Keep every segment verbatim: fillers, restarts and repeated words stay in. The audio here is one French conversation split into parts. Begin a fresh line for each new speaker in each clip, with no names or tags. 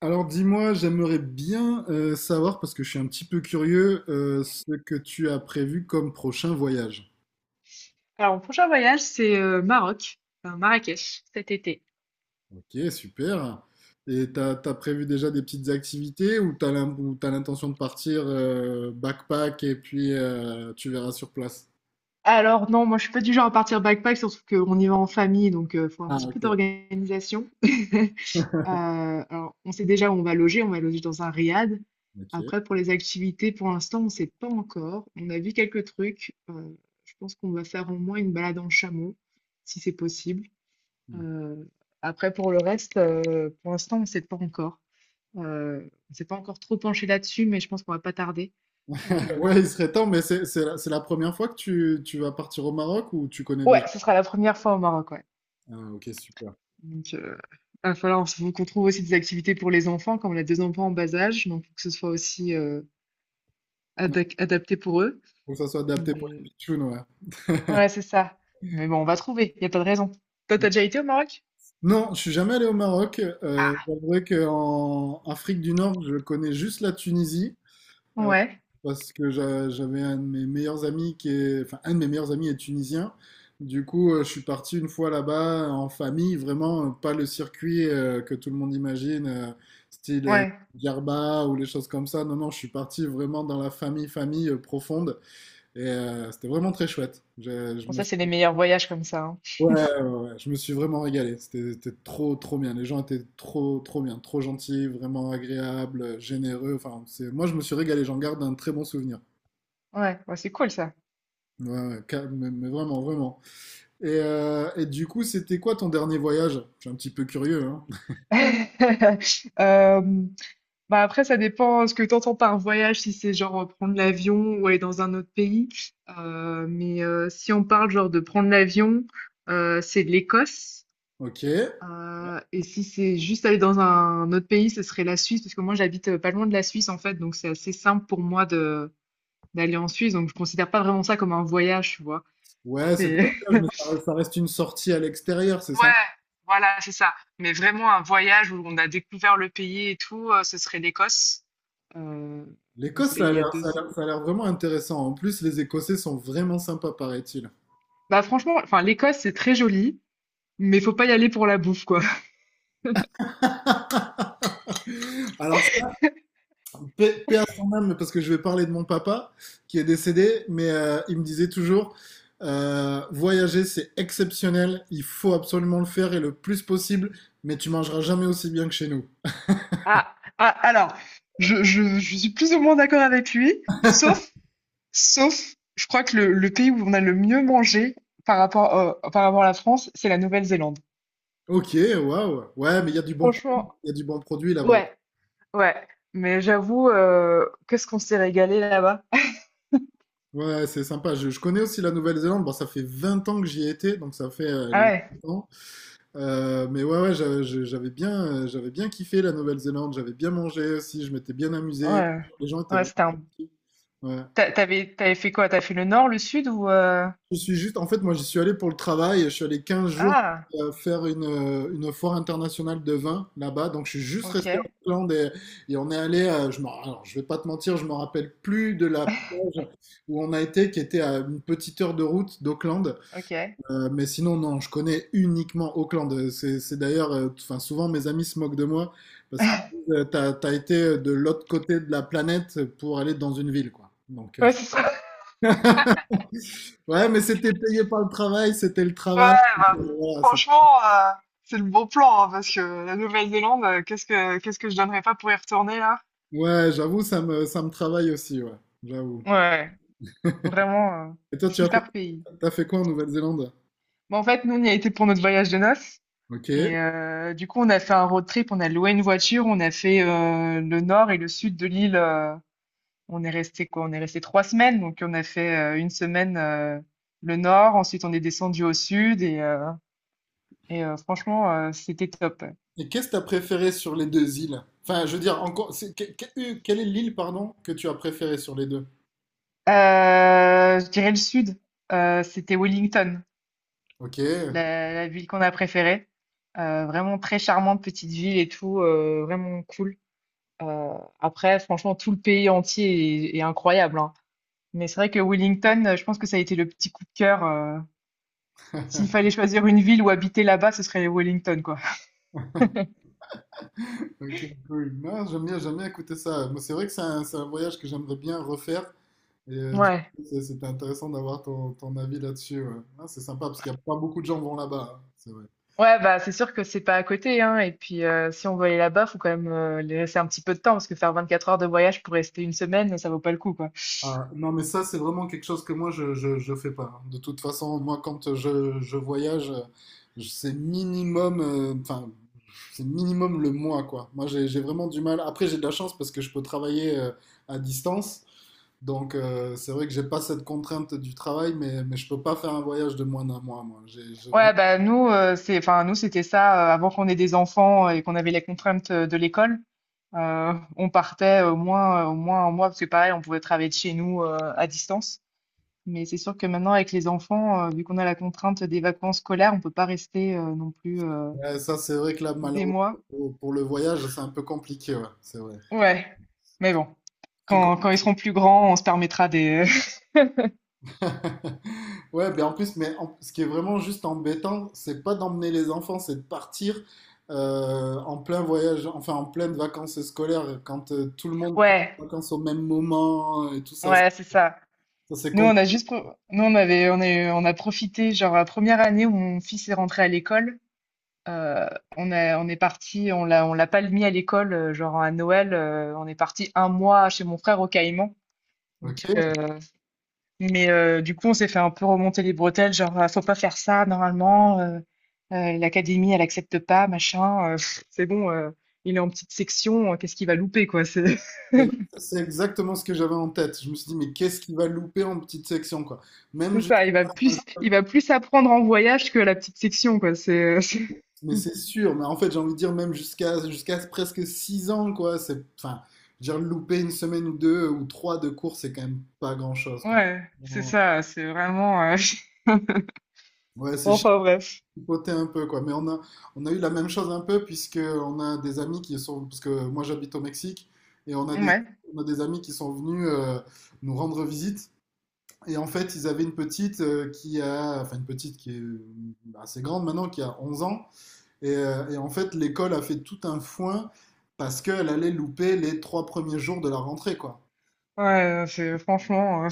Alors dis-moi, j'aimerais bien euh, savoir, parce que je suis un petit peu curieux, euh, ce que tu as prévu comme prochain voyage.
Alors, mon prochain voyage, c'est euh, Maroc, enfin, Marrakech, cet été.
Ok, super. Et t'as, t'as prévu déjà des petites activités ou t'as l'im- ou t'as l'intention de partir euh, backpack et puis euh, tu verras sur place?
Alors, non, moi, je suis pas du genre à partir backpack, surtout qu'on y va en famille, donc il faut un
Ah,
petit peu
ok.
d'organisation. Euh, alors, on sait déjà où on va loger, on va loger dans un riad.
Ok.
Après, pour les activités, pour l'instant, on sait pas encore. On a vu quelques trucs. Euh, je pense qu'on va faire au moins une balade en chameau, si c'est possible.
Hmm.
Euh, Après, pour le reste, euh, pour l'instant, on sait pas encore. Euh, on s'est pas encore trop penché là-dessus, mais je pense qu'on va pas tarder. Heu,
Ouais, il serait temps, mais c'est c'est la, c'est la première fois que tu, tu vas partir au Maroc ou tu connais déjà?
ouais, ce sera la première fois au Maroc, ouais.
Ah, ok, super.
Donc euh, il va falloir s qu'on trouve aussi des activités pour les enfants, comme on a deux enfants en bas âge, donc faut que ce soit aussi, heu, adac adapté pour eux.
Faut que ça soit adapté pour les
Mais
pitchounes, ouais.
ouais, c'est ça. Mais bon, on va trouver, il y a pas de raison. Toi, t'as déjà été au Maroc?
Non, je suis jamais allé au Maroc. Euh,
Ah!
j'avouerai qu'en Afrique du Nord, je connais juste la Tunisie
Ouais,
parce que j'a- j'avais un de mes meilleurs amis qui est, enfin, un de mes meilleurs amis est tunisien. Du coup, euh, je suis parti une fois là-bas en famille, vraiment euh, pas le circuit euh, que tout le monde imagine, euh, style euh,
ouais.
Djerba ou les choses comme ça. Non, non, je suis parti vraiment dans la famille, famille euh, profonde et euh, c'était vraiment très chouette. Je, je
Bon
me…
ça, c'est les meilleurs voyages comme ça, hein.
Ouais, ouais, ouais, je me suis vraiment régalé. C'était c'était trop, trop bien. Les gens étaient trop, trop bien, trop gentils, vraiment agréables, généreux. Enfin, c'est, moi, je me suis régalé. J'en garde un très bon souvenir.
Ouais, bah, c'est cool ça.
Ouais, ouais, ca- mais, mais vraiment, vraiment. Et, euh, et du coup, c'était quoi ton dernier voyage? Je suis un petit peu curieux, hein.
Hem Bah après, ça dépend euh, ce que tu entends par voyage, si c'est genre euh, prendre l'avion ou aller dans un autre pays. Euh, mais euh, si on parle genre de prendre l'avion, euh, c'est de l'Écosse.
Ok.
Euh, et si c'est juste aller dans un autre pays, ce serait la Suisse, parce que moi j'habite euh, pas loin de la Suisse en fait, donc c'est assez simple pour moi de d'aller en Suisse, donc je considère pas vraiment ça comme un voyage, tu vois.
Ouais, c'est pas un
C'est
voyage, mais ça ça reste une sortie à l'extérieur, c'est
Ouais,
sympa.
voilà, c'est ça. Mais vraiment un voyage où on a découvert le pays et tout, euh, ce serait l'Écosse. Euh, donc
L'Écosse,
c'était
ça a
il y a
l'air,
deux,
ça a l'air- ça a l'air vraiment intéressant. En plus, les Écossais sont vraiment sympas, paraît-il.
Bah franchement, enfin l'Écosse c'est très joli, mais faut pas y aller pour la bouffe quoi.
Alors, paix paix à son âme, parce que je vais parler de mon papa qui est décédé, mais euh, il me disait toujours, euh, voyager c'est exceptionnel, il faut absolument le faire et le plus possible, mais tu mangeras jamais aussi bien que chez nous.
Ah, ah, alors, je, je, je suis plus ou moins d'accord avec lui, sauf, sauf, je crois que le, le pays où on a le mieux mangé par rapport, euh, par rapport à la France, c'est la Nouvelle-Zélande.
Ok, waouh, ouais, mais il y a du bon produit,
Franchement,
il y a du bon produit là-bas.
ouais, ouais. Mais j'avoue, euh, qu'est-ce qu'on s'est régalé là-bas?
Ouais, ouais, c'est sympa. Je, je connais aussi la Nouvelle-Zélande. Bon, ça fait vingt ans que j'y ai été, donc ça fait euh,
Ah ouais,
longtemps. Euh, mais ouais, ouais, j'a- je- j'avais bien, euh, j'avais bien kiffé la Nouvelle-Zélande. J'avais bien mangé aussi. Je m'étais bien amusé.
ouais,
Les gens étaient
ouais,
vraiment
c'était un...
gentils. Ouais.
T'a- T'avais, t'avais fait quoi? T'as fait le nord, le sud ou... euh,
Je suis juste, en fait, moi, j'y suis allé pour le travail. Je suis allé quinze jours
Ah,
euh, faire une, euh, une foire internationale de vin là-bas. Donc, je suis juste
ok,
resté en Irlande et, et on est allé, euh, je m'en- alors, je vais pas te mentir, je me rappelle plus de la plage où on a été, qui était à une petite heure de route d'Auckland.
ok.
Euh, mais sinon, non, je connais uniquement Auckland. Euh, C'est c'est d'ailleurs, euh, enfin, souvent mes amis se moquent de moi parce qu'ils disent, euh, t'as, t'as été de l'autre côté de la planète pour aller dans une ville, quoi. Donc, euh,
Ouais, c'est ça.
ouais, mais c'était payé par le travail, c'était le
Ouais,
travail.
bah,
Voilà, c'était-
franchement, euh, c'est le bon plan, hein, parce que la Nouvelle-Zélande, euh, qu'est-ce que qu'est-ce que je donnerais pas pour y retourner là?
ouais, j'avoue, ça me, ça me travaille aussi, ouais, j'avoue.
Ouais, vraiment euh,
Et toi, tu as fait,
super pays.
t'as fait quoi en Nouvelle-Zélande?
Bon, en fait, nous, on y a été pour notre voyage de noces.
Ok.
Et euh, du coup, on a fait un road trip, on a loué une voiture, on a fait euh, le nord et le sud de l'île. Euh, on est resté quoi? On est resté trois semaines, donc on a fait euh, une semaine euh, le nord, ensuite on est descendu au sud et, euh, et euh, franchement, euh, c'était top.
Et qu'est-ce que t'as préféré sur les deux îles? Enfin, je veux dire, encore, c'est- que- que- euh, quelle est l'île, pardon, que tu as préférée sur les deux?
Euh, je dirais le sud. Euh, c'était Wellington,
Ok.
la, la ville qu'on a préférée. Euh, vraiment très charmante petite ville et tout, euh, vraiment cool. Euh, Après, franchement, tout le pays entier est, est incroyable, hein. Mais c'est vrai que Wellington, euh, je pense que ça a été le petit coup de cœur. euh. S'il fallait choisir une ville où habiter là-bas, ce serait Wellington, quoi.
Ok, cool. Non, j'aime bien, j'aime bien écouter ça. Moi, c'est vrai que c'est un, c'est un voyage que j'aimerais bien refaire. Et euh, du
Ouais.
coup, c'est- c'était intéressant d'avoir ton, ton avis là-dessus. Ouais. Ah, c'est sympa parce qu'il n'y a pas beaucoup de gens vont là-bas, hein. C'est vrai.
Ouais, bah c'est sûr que c'est pas à côté, hein. Et puis euh, si on veut aller là-bas, faut quand même euh, laisser un petit peu de temps parce que faire vingt-quatre heures de voyage pour rester une semaine, ça vaut pas le coup, quoi.
Ah, non, mais ça, c'est vraiment quelque chose que moi, je, je, je fais pas. De toute façon, moi, quand je, je voyage, euh, je- c'est minimum, euh, enfin, c'est minimum le mois, quoi. Moi, j'ai, j'ai vraiment du mal. Après, j'ai de la chance parce que je peux travailler euh, à distance. Donc, euh, c'est vrai que j'ai pas cette contrainte du travail, mais, mais je peux pas faire un voyage de moins d'un mois, moi. J'ai, j'ai vraiment—
Ouais, bah nous, euh, c'est, enfin nous c'était ça euh, avant qu'on ait des enfants euh, et qu'on avait les contraintes euh, de l'école. Euh, on partait au moins, euh, au moins un mois parce que pareil, on pouvait travailler de chez nous euh, à distance. Mais c'est sûr que maintenant avec les enfants, euh, vu qu'on a la contrainte des vacances scolaires, on peut pas rester euh, non plus euh,
Ouais, ça, c'est vrai que là,
des
malheureusement,
mois.
pour, pour le voyage, c'est un peu compliqué, ouais, c'est vrai.
Ouais, mais bon, quand quand ils seront plus grands, on se permettra des.
Ouais, ben en plus, mais en- ce qui est vraiment juste embêtant, c'est pas d'emmener les enfants, c'est de partir euh, en plein voyage, enfin en pleine vacances scolaires, quand euh, tout le monde prend
Ouais,
des vacances au même moment et tout ça. Ça,
ouais, c'est ça.
c'est
Nous, on a
compliqué.
juste, pro- nous on avait, on est, on a profité genre la première année où mon fils est rentré à l'école. Heu, on est on est partis, on l'a on l'a pas mis à l'école, heu, genre à Noël, heu, on est parti un mois chez mon frère au Caïmans. Donc
Ok.
heu, mais heu, du coup, on s'est fait un peu remonter les bretelles, genre: «Ah, faut pas faire ça normalement, heu heu, l'académie elle accepte pas, machin», heu, c'est bon, heu, il est en petite section, heu, qu'est-ce qu'il va louper, quoi? C'est
euh, C'est exactement ce que j'avais en tête. Je me suis dit, mais qu'est-ce qui va louper en petite section, quoi. Même
c'est
jusqu'à,
ça, il va plus il va plus apprendre en voyage que à la petite section, quoi. C'est, c'est
mais c'est sûr, mais en fait, j'ai envie de dire, même jusqu'à jusqu'à presque six ans, quoi. C'est, enfin, je veux dire, louper une semaine ou deux ou trois de cours, c'est quand même pas grand-chose, quoi.
ouais, c'est ça, c'est vraiment, heu,
Ouais, c'est
enfin bref.
chipoté un peu, quoi. Mais on a, on a eu la même chose un peu, puisque on a des amis qui sont, parce que moi j'habite au Mexique, et on a des,
Ouais.
on a des amis qui sont venus euh, nous rendre visite. Et en fait, ils avaient une petite euh, qui a, enfin une petite qui est bah, assez grande maintenant, qui a onze ans. Et, euh, et en fait, l'école a fait tout un foin parce qu'elle allait louper les trois premiers jours de la rentrée, quoi.
Ouais, euh, c'est franchement. euh,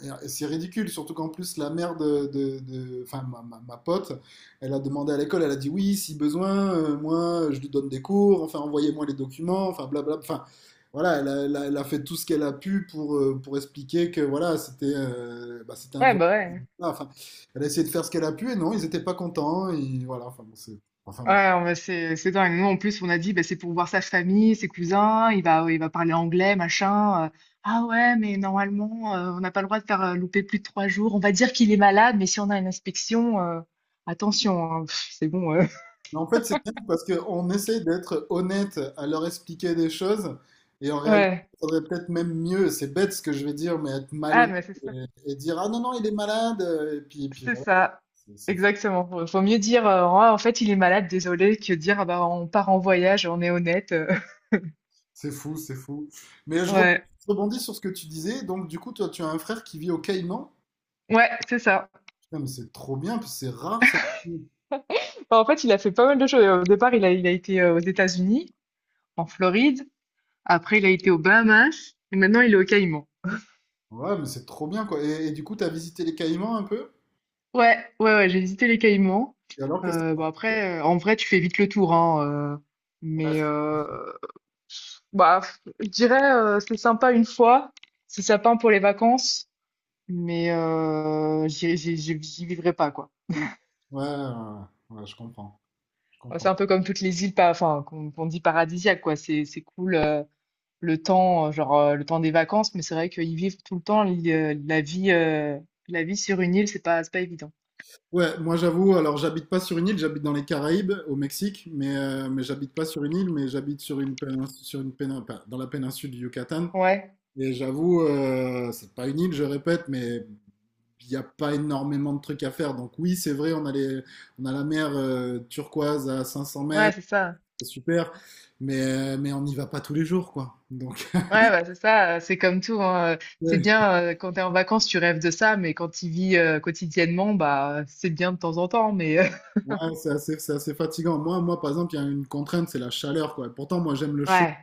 Ouais. Et c'est ridicule, surtout qu'en plus la mère de, de- de- enfin ma, ma- ma pote, elle a demandé à l'école, elle a dit oui, si besoin, euh, moi je lui donne des cours, enfin envoyez-moi les documents, enfin blablabla, enfin voilà, elle a, elle a- elle a fait tout ce qu'elle a pu pour, euh, pour expliquer que voilà, c'était euh, bah, c'était un
Ouais,
voyage.
bah ouais.
Voilà, enfin elle a essayé de faire ce qu'elle a pu et non, ils n'étaient pas contents, et voilà, enfin bon, c'est, enfin bon.
Ouais, on va- c'est c'est dingue. Nous, en plus, on a dit, bah, c'est pour voir sa famille, ses cousins, il va, il va parler anglais, machin. euh. Ah ouais, mais normalement, euh, on n'a pas le droit de faire euh, louper plus de trois jours. On va dire qu'il est malade, mais si on a une inspection, euh, attention, hein, pff, c'est bon. euh.
Mais en fait, c'est bien parce qu'on essaye d'être honnête à leur expliquer des choses et en réalité,
Ouais.
il faudrait peut-être même mieux. C'est bête ce que je vais dire, mais être
Ah,
malhonnête
mais c'est ça.
et, et dire, ah non, non, il est malade. Et puis, et puis
C'est
voilà,
ça.
c'est
Exactement. Faut faut mieux dire, euh, Ah, en fait, il est malade, désolé, que dire, ah, bah, on part en voyage, on est honnête. euh.
c'est fou, c'est fou, c'est fou. Mais je re-
Ouais.
je rebondis sur ce que tu disais. Donc, du coup, toi, tu as un frère qui vit au Caïman.
Ouais, c'est ça.
Putain, mais c'est trop bien, puis c'est rare ça.
Enfin, en fait, il a fait pas mal de choses. Au départ, il a, il a été euh, aux États-Unis, en Floride. Après, il a été aux Bahamas. Et maintenant, il est aux Caïmans.
Ouais, mais c'est trop bien quoi. Et, et du coup, tu as visité les Caïmans un peu?
Ouais, ouais, ouais, j'ai visité les Caïmans.
Et alors, qu'est-ce que
Euh,
t'en
bon,
as pensé?
après, euh, en vrai, tu fais vite le tour, hein. euh, mais euh, bah, f- je dirais, euh, c'est sympa une fois. C'est sympa pour les vacances. Mais euh, j'y j'y- j'y- j'y vivrai pas, quoi.
Ouais, ouais, ouais, ouais, je comprends. Je
Enfin, c'est
comprends.
un peu comme toutes les îles, pas, enfin, qu'on qu'on dit paradisiaques, quoi. C'est c'est cool. Euh, le temps, euh, genre euh, le temps des vacances, mais c'est vrai qu'ils vivent tout le temps li- euh, la vie, euh, la vie sur une île, c'est pas, c'est pas évident.
Ouais, moi j'avoue, alors j'habite pas sur une île, j'habite dans les Caraïbes, au Mexique, mais, euh, mais j'habite pas sur une île, mais j'habite sur une pénin- sur une pénin- pas- dans la péninsule du Yucatan.
Ouais,
Et j'avoue, euh, c'est pas une île, je répète, mais il n'y a pas énormément de trucs à faire. Donc oui, c'est vrai, on a les, on a la mer euh, turquoise à cinq cents
ouais,
mètres,
c'est ça.
c'est super, mais, euh, mais on n'y va pas tous les jours, quoi. Donc
Ouais, bah, c'est ça, euh, c'est comme tout, hein, euh, c'est bien, euh, quand t'es en vacances, tu rêves de ça, mais quand tu vis euh, quotidiennement, bah, c'est bien de temps en temps, mais euh,
ouais, c'est assez, c'est assez fatigant. Moi, moi, par exemple, il y a une contrainte, c'est la chaleur, quoi. Pourtant, moi j'aime le chaud.
ouais,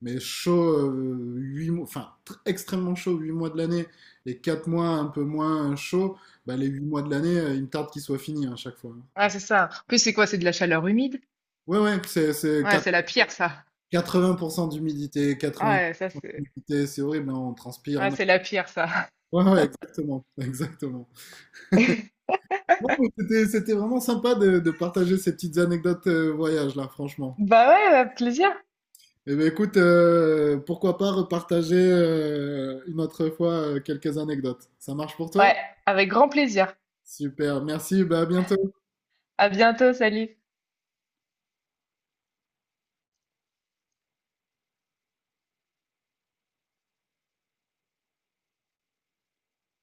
Mais chaud, euh, huit mois, enfin extrêmement chaud huit mois de l'année et quatre mois un peu moins chaud, bah, les huit mois de l'année, euh, il me tarde qu'ils soient finis hein, à chaque fois.
ouais, c'est ça. En plus, c'est quoi? C'est de la chaleur humide?
Ouais, ouais, c'est c'est
Ouais,
quat-
c'est la pire, ça.
quatre-vingts pour cent d'humidité, quatre-vingts
Ouais, ça,
pour cent
c'est,
d'humidité, c'est horrible, hein, on transpire.
ouais,
On… a—
c'est la pire, ça.
Ouais, ouais, exactement, exactement. Bon, mais c'était c'était vraiment sympa de, de partager ces petites anecdotes euh, voyage là, franchement.
Bah ouais, avec plaisir.
Eh ben écoute, euh, pourquoi pas repartager euh, une autre fois euh, quelques anecdotes. Ça marche pour toi?
Ouais, avec grand plaisir.
Super, merci, bah, à bientôt.
À bientôt, salut.